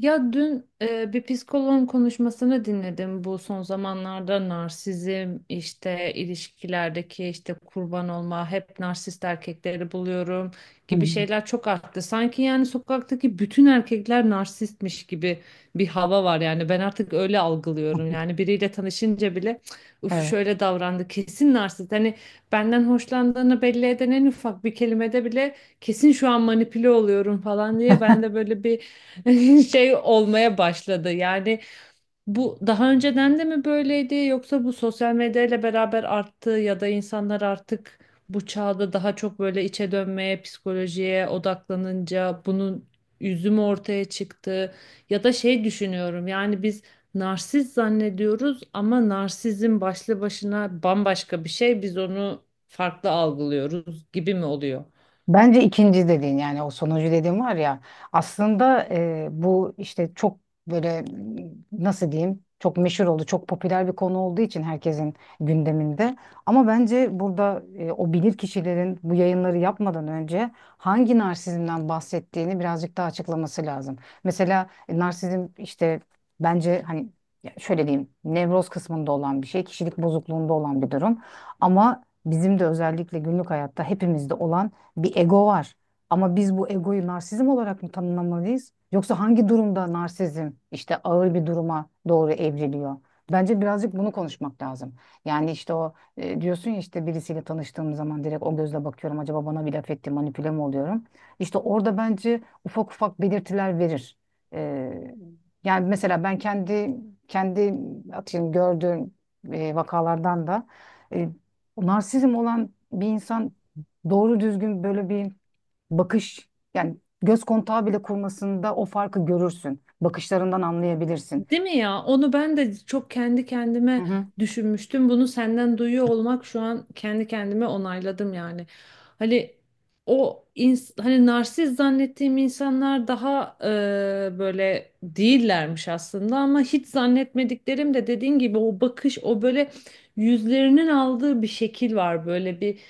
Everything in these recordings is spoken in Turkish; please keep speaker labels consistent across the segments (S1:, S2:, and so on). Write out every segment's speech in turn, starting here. S1: Ya dün bir psikoloğun konuşmasını dinledim. Bu son zamanlarda narsizm, işte ilişkilerdeki işte kurban olma, hep narsist erkekleri buluyorum
S2: Hı.
S1: gibi şeyler çok arttı. Sanki yani sokaktaki bütün erkekler narsistmiş gibi bir hava var, yani ben artık öyle algılıyorum. Yani biriyle tanışınca bile uf şöyle davrandı, kesin narsist. Hani benden hoşlandığını belli eden en ufak bir kelimede bile kesin şu an manipüle oluyorum falan diye ben
S2: Evet.
S1: de böyle bir şey olmaya başladı. Yani bu daha önceden de mi böyleydi yoksa bu sosyal medyayla beraber arttı ya da insanlar artık bu çağda daha çok böyle içe dönmeye, psikolojiye odaklanınca bunun üzümü ortaya çıktı ya da şey düşünüyorum. Yani biz narsist zannediyoruz ama narsizm başlı başına bambaşka bir şey. Biz onu farklı algılıyoruz gibi mi oluyor?
S2: Bence ikinci dediğin yani o sonuncu dediğin var ya aslında bu işte çok böyle m, nasıl diyeyim, çok meşhur oldu, çok popüler bir konu olduğu için herkesin gündeminde, ama bence burada o bilir kişilerin bu yayınları yapmadan önce hangi narsizmden bahsettiğini birazcık daha açıklaması lazım. Mesela narsizm işte bence hani, ya şöyle diyeyim, nevroz kısmında olan bir şey, kişilik bozukluğunda olan bir durum, ama bizim de özellikle günlük hayatta hepimizde olan bir ego var. Ama biz bu egoyu narsizm olarak mı tanımlamalıyız? Yoksa hangi durumda narsizm işte ağır bir duruma doğru evriliyor? Bence birazcık bunu konuşmak lazım. Yani işte diyorsun ya işte birisiyle tanıştığım zaman direkt o gözle bakıyorum. Acaba bana bir laf etti, manipüle mi oluyorum? İşte orada bence ufak ufak belirtiler verir. Ee, Yani mesela ben kendi atıyorum gördüğüm vakalardan da, e, narsizm olan bir insan doğru düzgün böyle bir bakış, yani göz kontağı bile kurmasında o farkı görürsün. Bakışlarından anlayabilirsin.
S1: Değil mi ya? Onu ben de çok kendi
S2: Hı
S1: kendime
S2: hı.
S1: düşünmüştüm. Bunu senden duyuyor olmak şu an kendi kendime onayladım yani. Hani hani narsist zannettiğim insanlar daha böyle değillermiş aslında ama hiç zannetmediklerim de dediğin gibi o bakış, o böyle yüzlerinin aldığı bir şekil var, böyle bir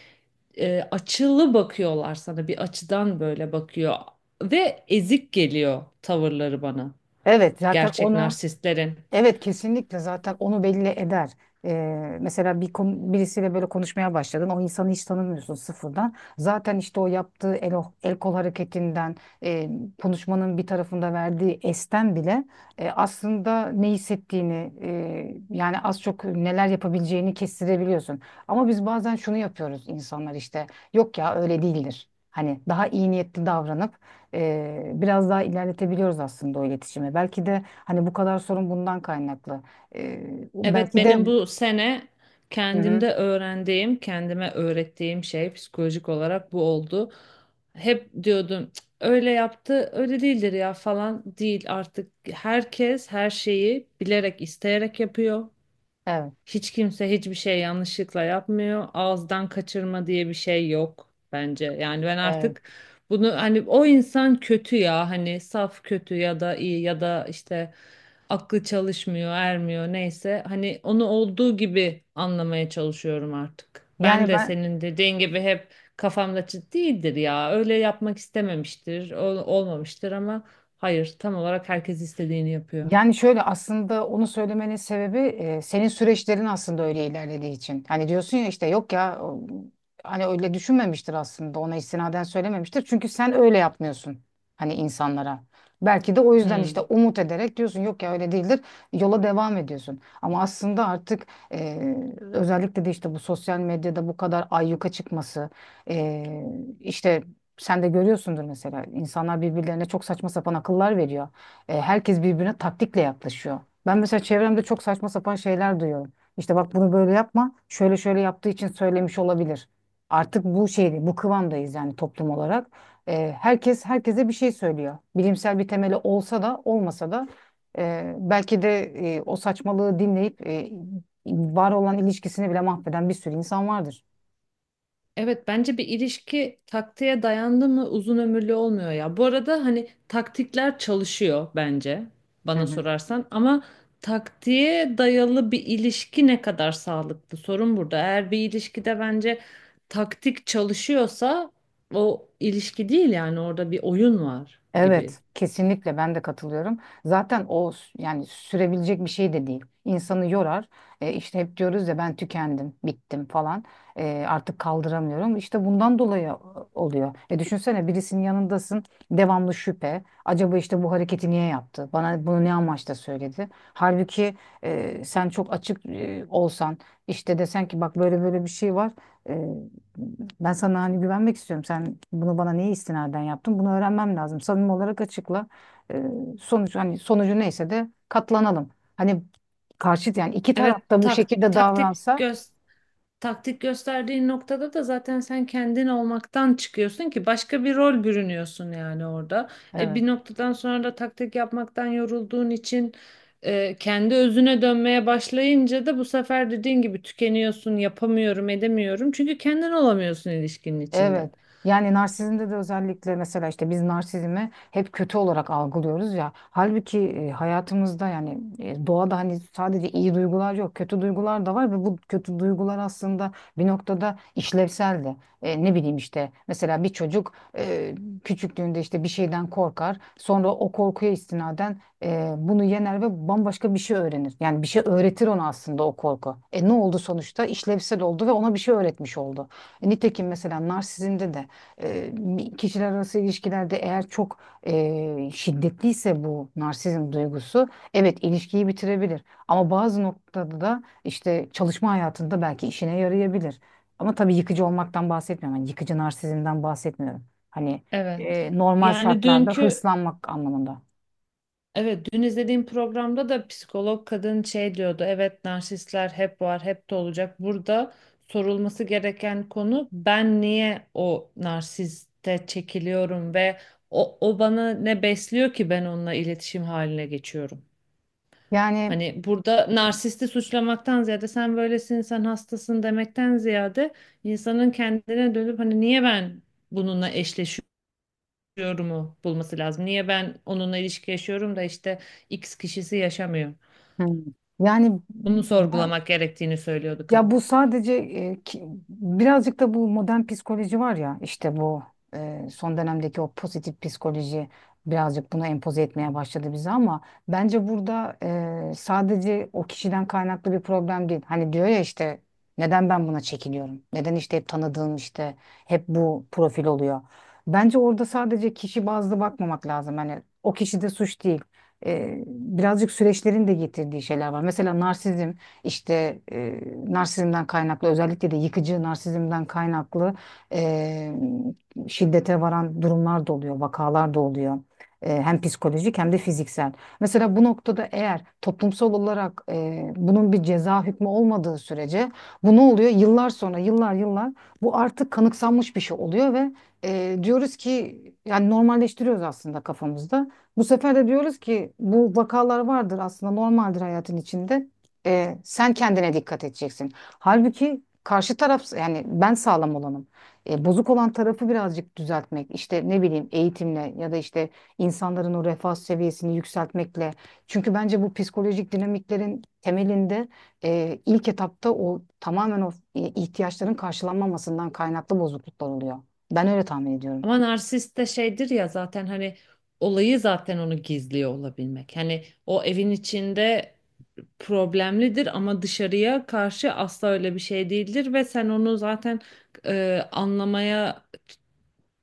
S1: açılı bakıyorlar sana, bir açıdan böyle bakıyor ve ezik geliyor tavırları bana,
S2: Evet zaten
S1: gerçek
S2: onu
S1: narsistlerin.
S2: Evet, kesinlikle zaten onu belli eder. Mesela bir birisiyle böyle konuşmaya başladın. O insanı hiç tanımıyorsun, sıfırdan. Zaten işte o yaptığı el kol hareketinden, e, konuşmanın bir tarafında verdiği esten bile, aslında ne hissettiğini, yani az çok neler yapabileceğini kestirebiliyorsun. Ama biz bazen şunu yapıyoruz, insanlar işte yok ya öyle değildir. Hani daha iyi niyetli davranıp biraz daha ilerletebiliyoruz aslında o iletişimi. Belki de hani bu kadar sorun bundan kaynaklı. E,
S1: Evet,
S2: belki de
S1: benim bu sene
S2: Hı
S1: kendimde
S2: hı,
S1: öğrendiğim, kendime öğrettiğim şey psikolojik olarak bu oldu. Hep diyordum "Cık, öyle yaptı, öyle değildir ya" falan. Değil, artık herkes her şeyi bilerek, isteyerek yapıyor.
S2: evet,
S1: Hiç kimse hiçbir şey yanlışlıkla yapmıyor. Ağızdan kaçırma diye bir şey yok bence. Yani ben
S2: evet.
S1: artık bunu, hani o insan kötü ya, hani saf kötü ya da iyi ya da işte aklı çalışmıyor, ermiyor neyse, hani onu olduğu gibi anlamaya çalışıyorum artık. Ben
S2: Yani
S1: de
S2: ben
S1: senin dediğin gibi hep kafamda "Cid- değildir ya. Öyle yapmak istememiştir, olmamıştır" ama hayır, tam olarak herkes istediğini yapıyor.
S2: Yani şöyle, aslında onu söylemenin sebebi senin süreçlerin aslında öyle ilerlediği için. Hani diyorsun ya işte yok ya hani öyle düşünmemiştir, aslında ona istinaden söylememiştir. Çünkü sen öyle yapmıyorsun hani insanlara. Belki de o yüzden işte
S1: Hmm.
S2: umut ederek diyorsun yok ya öyle değildir, yola devam ediyorsun. Ama aslında artık e, özellikle de işte bu sosyal medyada bu kadar ayyuka çıkması, e, işte sen de görüyorsundur mesela, insanlar birbirlerine çok saçma sapan akıllar veriyor. E, herkes birbirine taktikle yaklaşıyor. Ben mesela çevremde çok saçma sapan şeyler duyuyorum. İşte bak bunu böyle yapma, şöyle şöyle yaptığı için söylemiş olabilir. Artık bu şeyde, bu kıvamdayız yani, toplum olarak. E, herkes herkese bir şey söylüyor. Bilimsel bir temeli olsa da olmasa da, e, belki de o saçmalığı dinleyip var olan ilişkisini bile mahveden bir sürü insan vardır.
S1: Evet, bence bir ilişki taktiğe dayandı mı uzun ömürlü olmuyor ya. Bu arada hani taktikler çalışıyor bence,
S2: Hı
S1: bana
S2: hı.
S1: sorarsan, ama taktiğe dayalı bir ilişki ne kadar sağlıklı, sorun burada. Eğer bir ilişkide bence taktik çalışıyorsa o ilişki değil, yani orada bir oyun var gibi.
S2: Evet, kesinlikle ben de katılıyorum. Zaten yani sürebilecek bir şey de değil. İnsanı yorar. E, işte hep diyoruz ya, ben tükendim, bittim falan. E, artık kaldıramıyorum. İşte bundan dolayı oluyor. E, düşünsene, birisinin yanındasın, devamlı şüphe. Acaba işte bu hareketi niye yaptı? Bana bunu ne amaçla söyledi? Halbuki sen çok açık olsan, işte desen ki bak böyle böyle bir şey var. E, ben sana hani güvenmek istiyorum. Sen bunu bana niye istinaden yaptın? Bunu öğrenmem lazım. Samimi olarak açıkla. Ee, Sonuç hani, sonucu neyse de katlanalım. Hani karşıt yani iki
S1: Evet,
S2: taraf da bu şekilde
S1: taktik
S2: davransa,
S1: taktik gösterdiğin noktada da zaten sen kendin olmaktan çıkıyorsun ki başka bir rol bürünüyorsun yani orada. E
S2: evet.
S1: bir noktadan sonra da taktik yapmaktan yorulduğun için kendi özüne dönmeye başlayınca da bu sefer dediğin gibi tükeniyorsun, yapamıyorum, edemiyorum. Çünkü kendin olamıyorsun ilişkinin içinde.
S2: Evet. Yani narsizmde de özellikle, mesela işte biz narsizmi hep kötü olarak algılıyoruz ya. Halbuki hayatımızda yani, doğada hani sadece iyi duygular yok, kötü duygular da var ve bu kötü duygular aslında bir noktada işlevsel de. E, ne bileyim, işte mesela bir çocuk küçüklüğünde işte bir şeyden korkar. Sonra o korkuya istinaden bunu yener ve bambaşka bir şey öğrenir. Yani bir şey öğretir ona aslında o korku. E, ne oldu sonuçta? İşlevsel oldu ve ona bir şey öğretmiş oldu. E, nitekim mesela narsizmde de kişiler arası ilişkilerde eğer çok şiddetliyse bu narsizm duygusu, evet, ilişkiyi bitirebilir. Ama bazı noktada da işte çalışma hayatında belki işine yarayabilir. Ama tabii yıkıcı olmaktan bahsetmiyorum. Yani yıkıcı narsizmden bahsetmiyorum. Hani
S1: Evet.
S2: normal
S1: Yani
S2: şartlarda
S1: dünkü...
S2: hırslanmak anlamında.
S1: Evet, dün izlediğim programda da psikolog kadın şey diyordu. Evet, narsistler hep var, hep de olacak. Burada sorulması gereken konu, ben niye o narsiste çekiliyorum ve o bana ne besliyor ki ben onunla iletişim haline geçiyorum?
S2: Yani
S1: Hani burada narsisti suçlamaktan ziyade, sen böylesin, sen hastasın demekten ziyade, insanın kendine dönüp hani niye ben bununla eşleşiyorum yorumu bulması lazım. Niye ben onunla ilişki yaşıyorum da işte X kişisi yaşamıyor?
S2: Hmm. yani
S1: Bunu sorgulamak gerektiğini söylüyordu
S2: Ya
S1: kadın.
S2: bu sadece birazcık da bu modern psikoloji var ya, işte bu son dönemdeki o pozitif psikoloji birazcık bunu empoze etmeye başladı bize, ama bence burada sadece o kişiden kaynaklı bir problem değil. Hani diyor ya işte neden ben buna çekiniyorum? Neden işte hep tanıdığım, işte hep bu profil oluyor? Bence orada sadece kişi bazlı bakmamak lazım. Hani o kişi de suç değil. E, birazcık süreçlerin de getirdiği şeyler var. Mesela narsizm işte e, narsizmden kaynaklı, özellikle de yıkıcı narsizmden kaynaklı, e, şiddete varan durumlar da oluyor, vakalar da oluyor. E, hem psikolojik hem de fiziksel. Mesela bu noktada, eğer toplumsal olarak bunun bir ceza hükmü olmadığı sürece, bu ne oluyor? Yıllar sonra, yıllar yıllar bu artık kanıksanmış bir şey oluyor ve diyoruz ki yani, normalleştiriyoruz aslında kafamızda. Bu sefer de diyoruz ki bu vakalar vardır, aslında normaldir hayatın içinde, sen kendine dikkat edeceksin. Halbuki karşı taraf, yani ben sağlam olanım. E, bozuk olan tarafı birazcık düzeltmek, işte ne bileyim, eğitimle ya da işte insanların o refah seviyesini yükseltmekle. Çünkü bence bu psikolojik dinamiklerin temelinde ilk etapta o tamamen ihtiyaçların karşılanmamasından kaynaklı bozukluklar oluyor. Ben öyle tahmin ediyorum.
S1: Ama narsist de şeydir ya zaten, hani olayı zaten onu gizliyor olabilmek. Hani o evin içinde problemlidir ama dışarıya karşı asla öyle bir şey değildir ve sen onu zaten e, anlamaya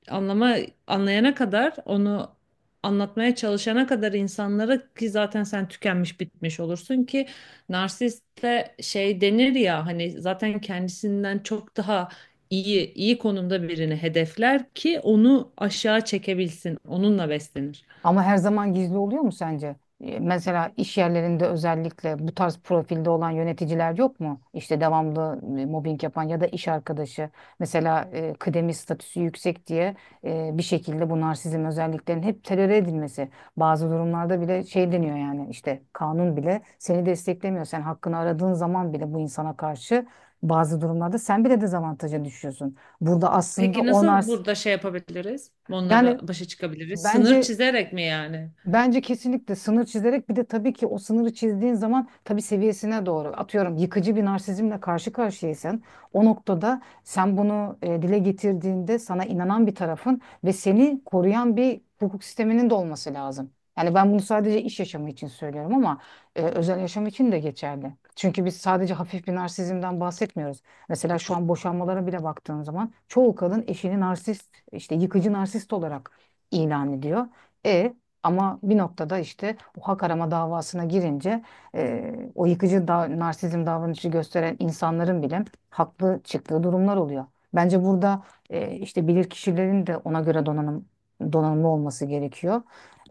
S1: anlama anlayana kadar, onu anlatmaya çalışana kadar insanlara, ki zaten sen tükenmiş bitmiş olursun, ki narsiste şey denir ya hani, zaten kendisinden çok daha iyi konumda birini hedefler ki onu aşağı çekebilsin, onunla beslenir.
S2: Ama her zaman gizli oluyor mu sence? E, mesela iş yerlerinde özellikle bu tarz profilde olan yöneticiler yok mu? İşte devamlı mobbing yapan ya da iş arkadaşı. Mesela kıdemi statüsü yüksek diye bir şekilde bu narsizm özelliklerinin hep teröre edilmesi. Bazı durumlarda bile şey deniyor, yani işte kanun bile seni desteklemiyor. Sen hakkını aradığın zaman bile bu insana karşı bazı durumlarda sen bile dezavantaja düşüyorsun. Burada aslında
S1: Peki
S2: o
S1: nasıl
S2: nars
S1: burada şey yapabiliriz? Onlara
S2: yani
S1: başa çıkabiliriz. Sınır
S2: bence,
S1: çizerek mi yani?
S2: bence kesinlikle sınır çizerek, bir de tabii ki o sınırı çizdiğin zaman, tabii seviyesine doğru, atıyorum yıkıcı bir narsizmle karşı karşıyaysan, o noktada sen bunu dile getirdiğinde sana inanan bir tarafın ve seni koruyan bir hukuk sisteminin de olması lazım. Yani ben bunu sadece iş yaşamı için söylüyorum, ama özel yaşam için de geçerli. Çünkü biz sadece hafif bir narsizmden bahsetmiyoruz. Mesela şu an boşanmalara bile baktığın zaman çoğu kadın eşini narsist, işte yıkıcı narsist olarak ilan ediyor. E, ama bir noktada işte o hak arama davasına girince, o yıkıcı da, narsizm davranışı gösteren insanların bile haklı çıktığı durumlar oluyor. Bence burada işte bilirkişilerin de ona göre donanımlı olması gerekiyor.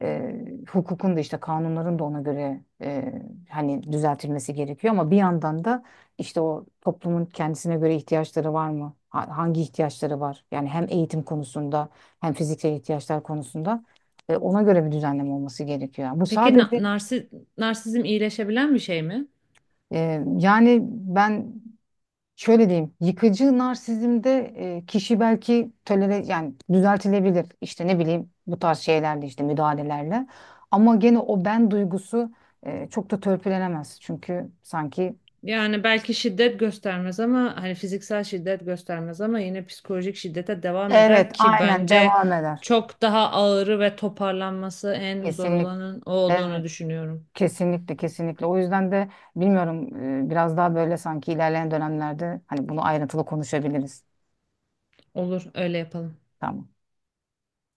S2: E, Hukukun da, işte kanunların da ona göre hani düzeltilmesi gerekiyor, ama bir yandan da işte o toplumun kendisine göre ihtiyaçları var mı? Hangi ihtiyaçları var? Yani hem eğitim konusunda hem fiziksel ihtiyaçlar konusunda. E, ona göre bir düzenleme olması gerekiyor.
S1: Peki narsizm iyileşebilen bir şey mi?
S2: Yani ben şöyle diyeyim, yıkıcı narsizmde kişi belki tolere, yani düzeltilebilir işte, ne bileyim, bu tarz şeylerle, işte müdahalelerle, ama gene o ben duygusu çok da törpülenemez, çünkü sanki,
S1: Yani belki şiddet göstermez ama hani fiziksel şiddet göstermez ama yine psikolojik şiddete devam eder
S2: evet
S1: ki
S2: aynen
S1: bence
S2: devam eder,
S1: çok daha ağırı ve toparlanması en zor
S2: kesinlikle.
S1: olanın o
S2: Evet,
S1: olduğunu düşünüyorum.
S2: kesinlikle, kesinlikle. O yüzden de bilmiyorum, biraz daha böyle sanki ilerleyen dönemlerde hani bunu ayrıntılı konuşabiliriz.
S1: Olur, öyle yapalım.
S2: Tamam.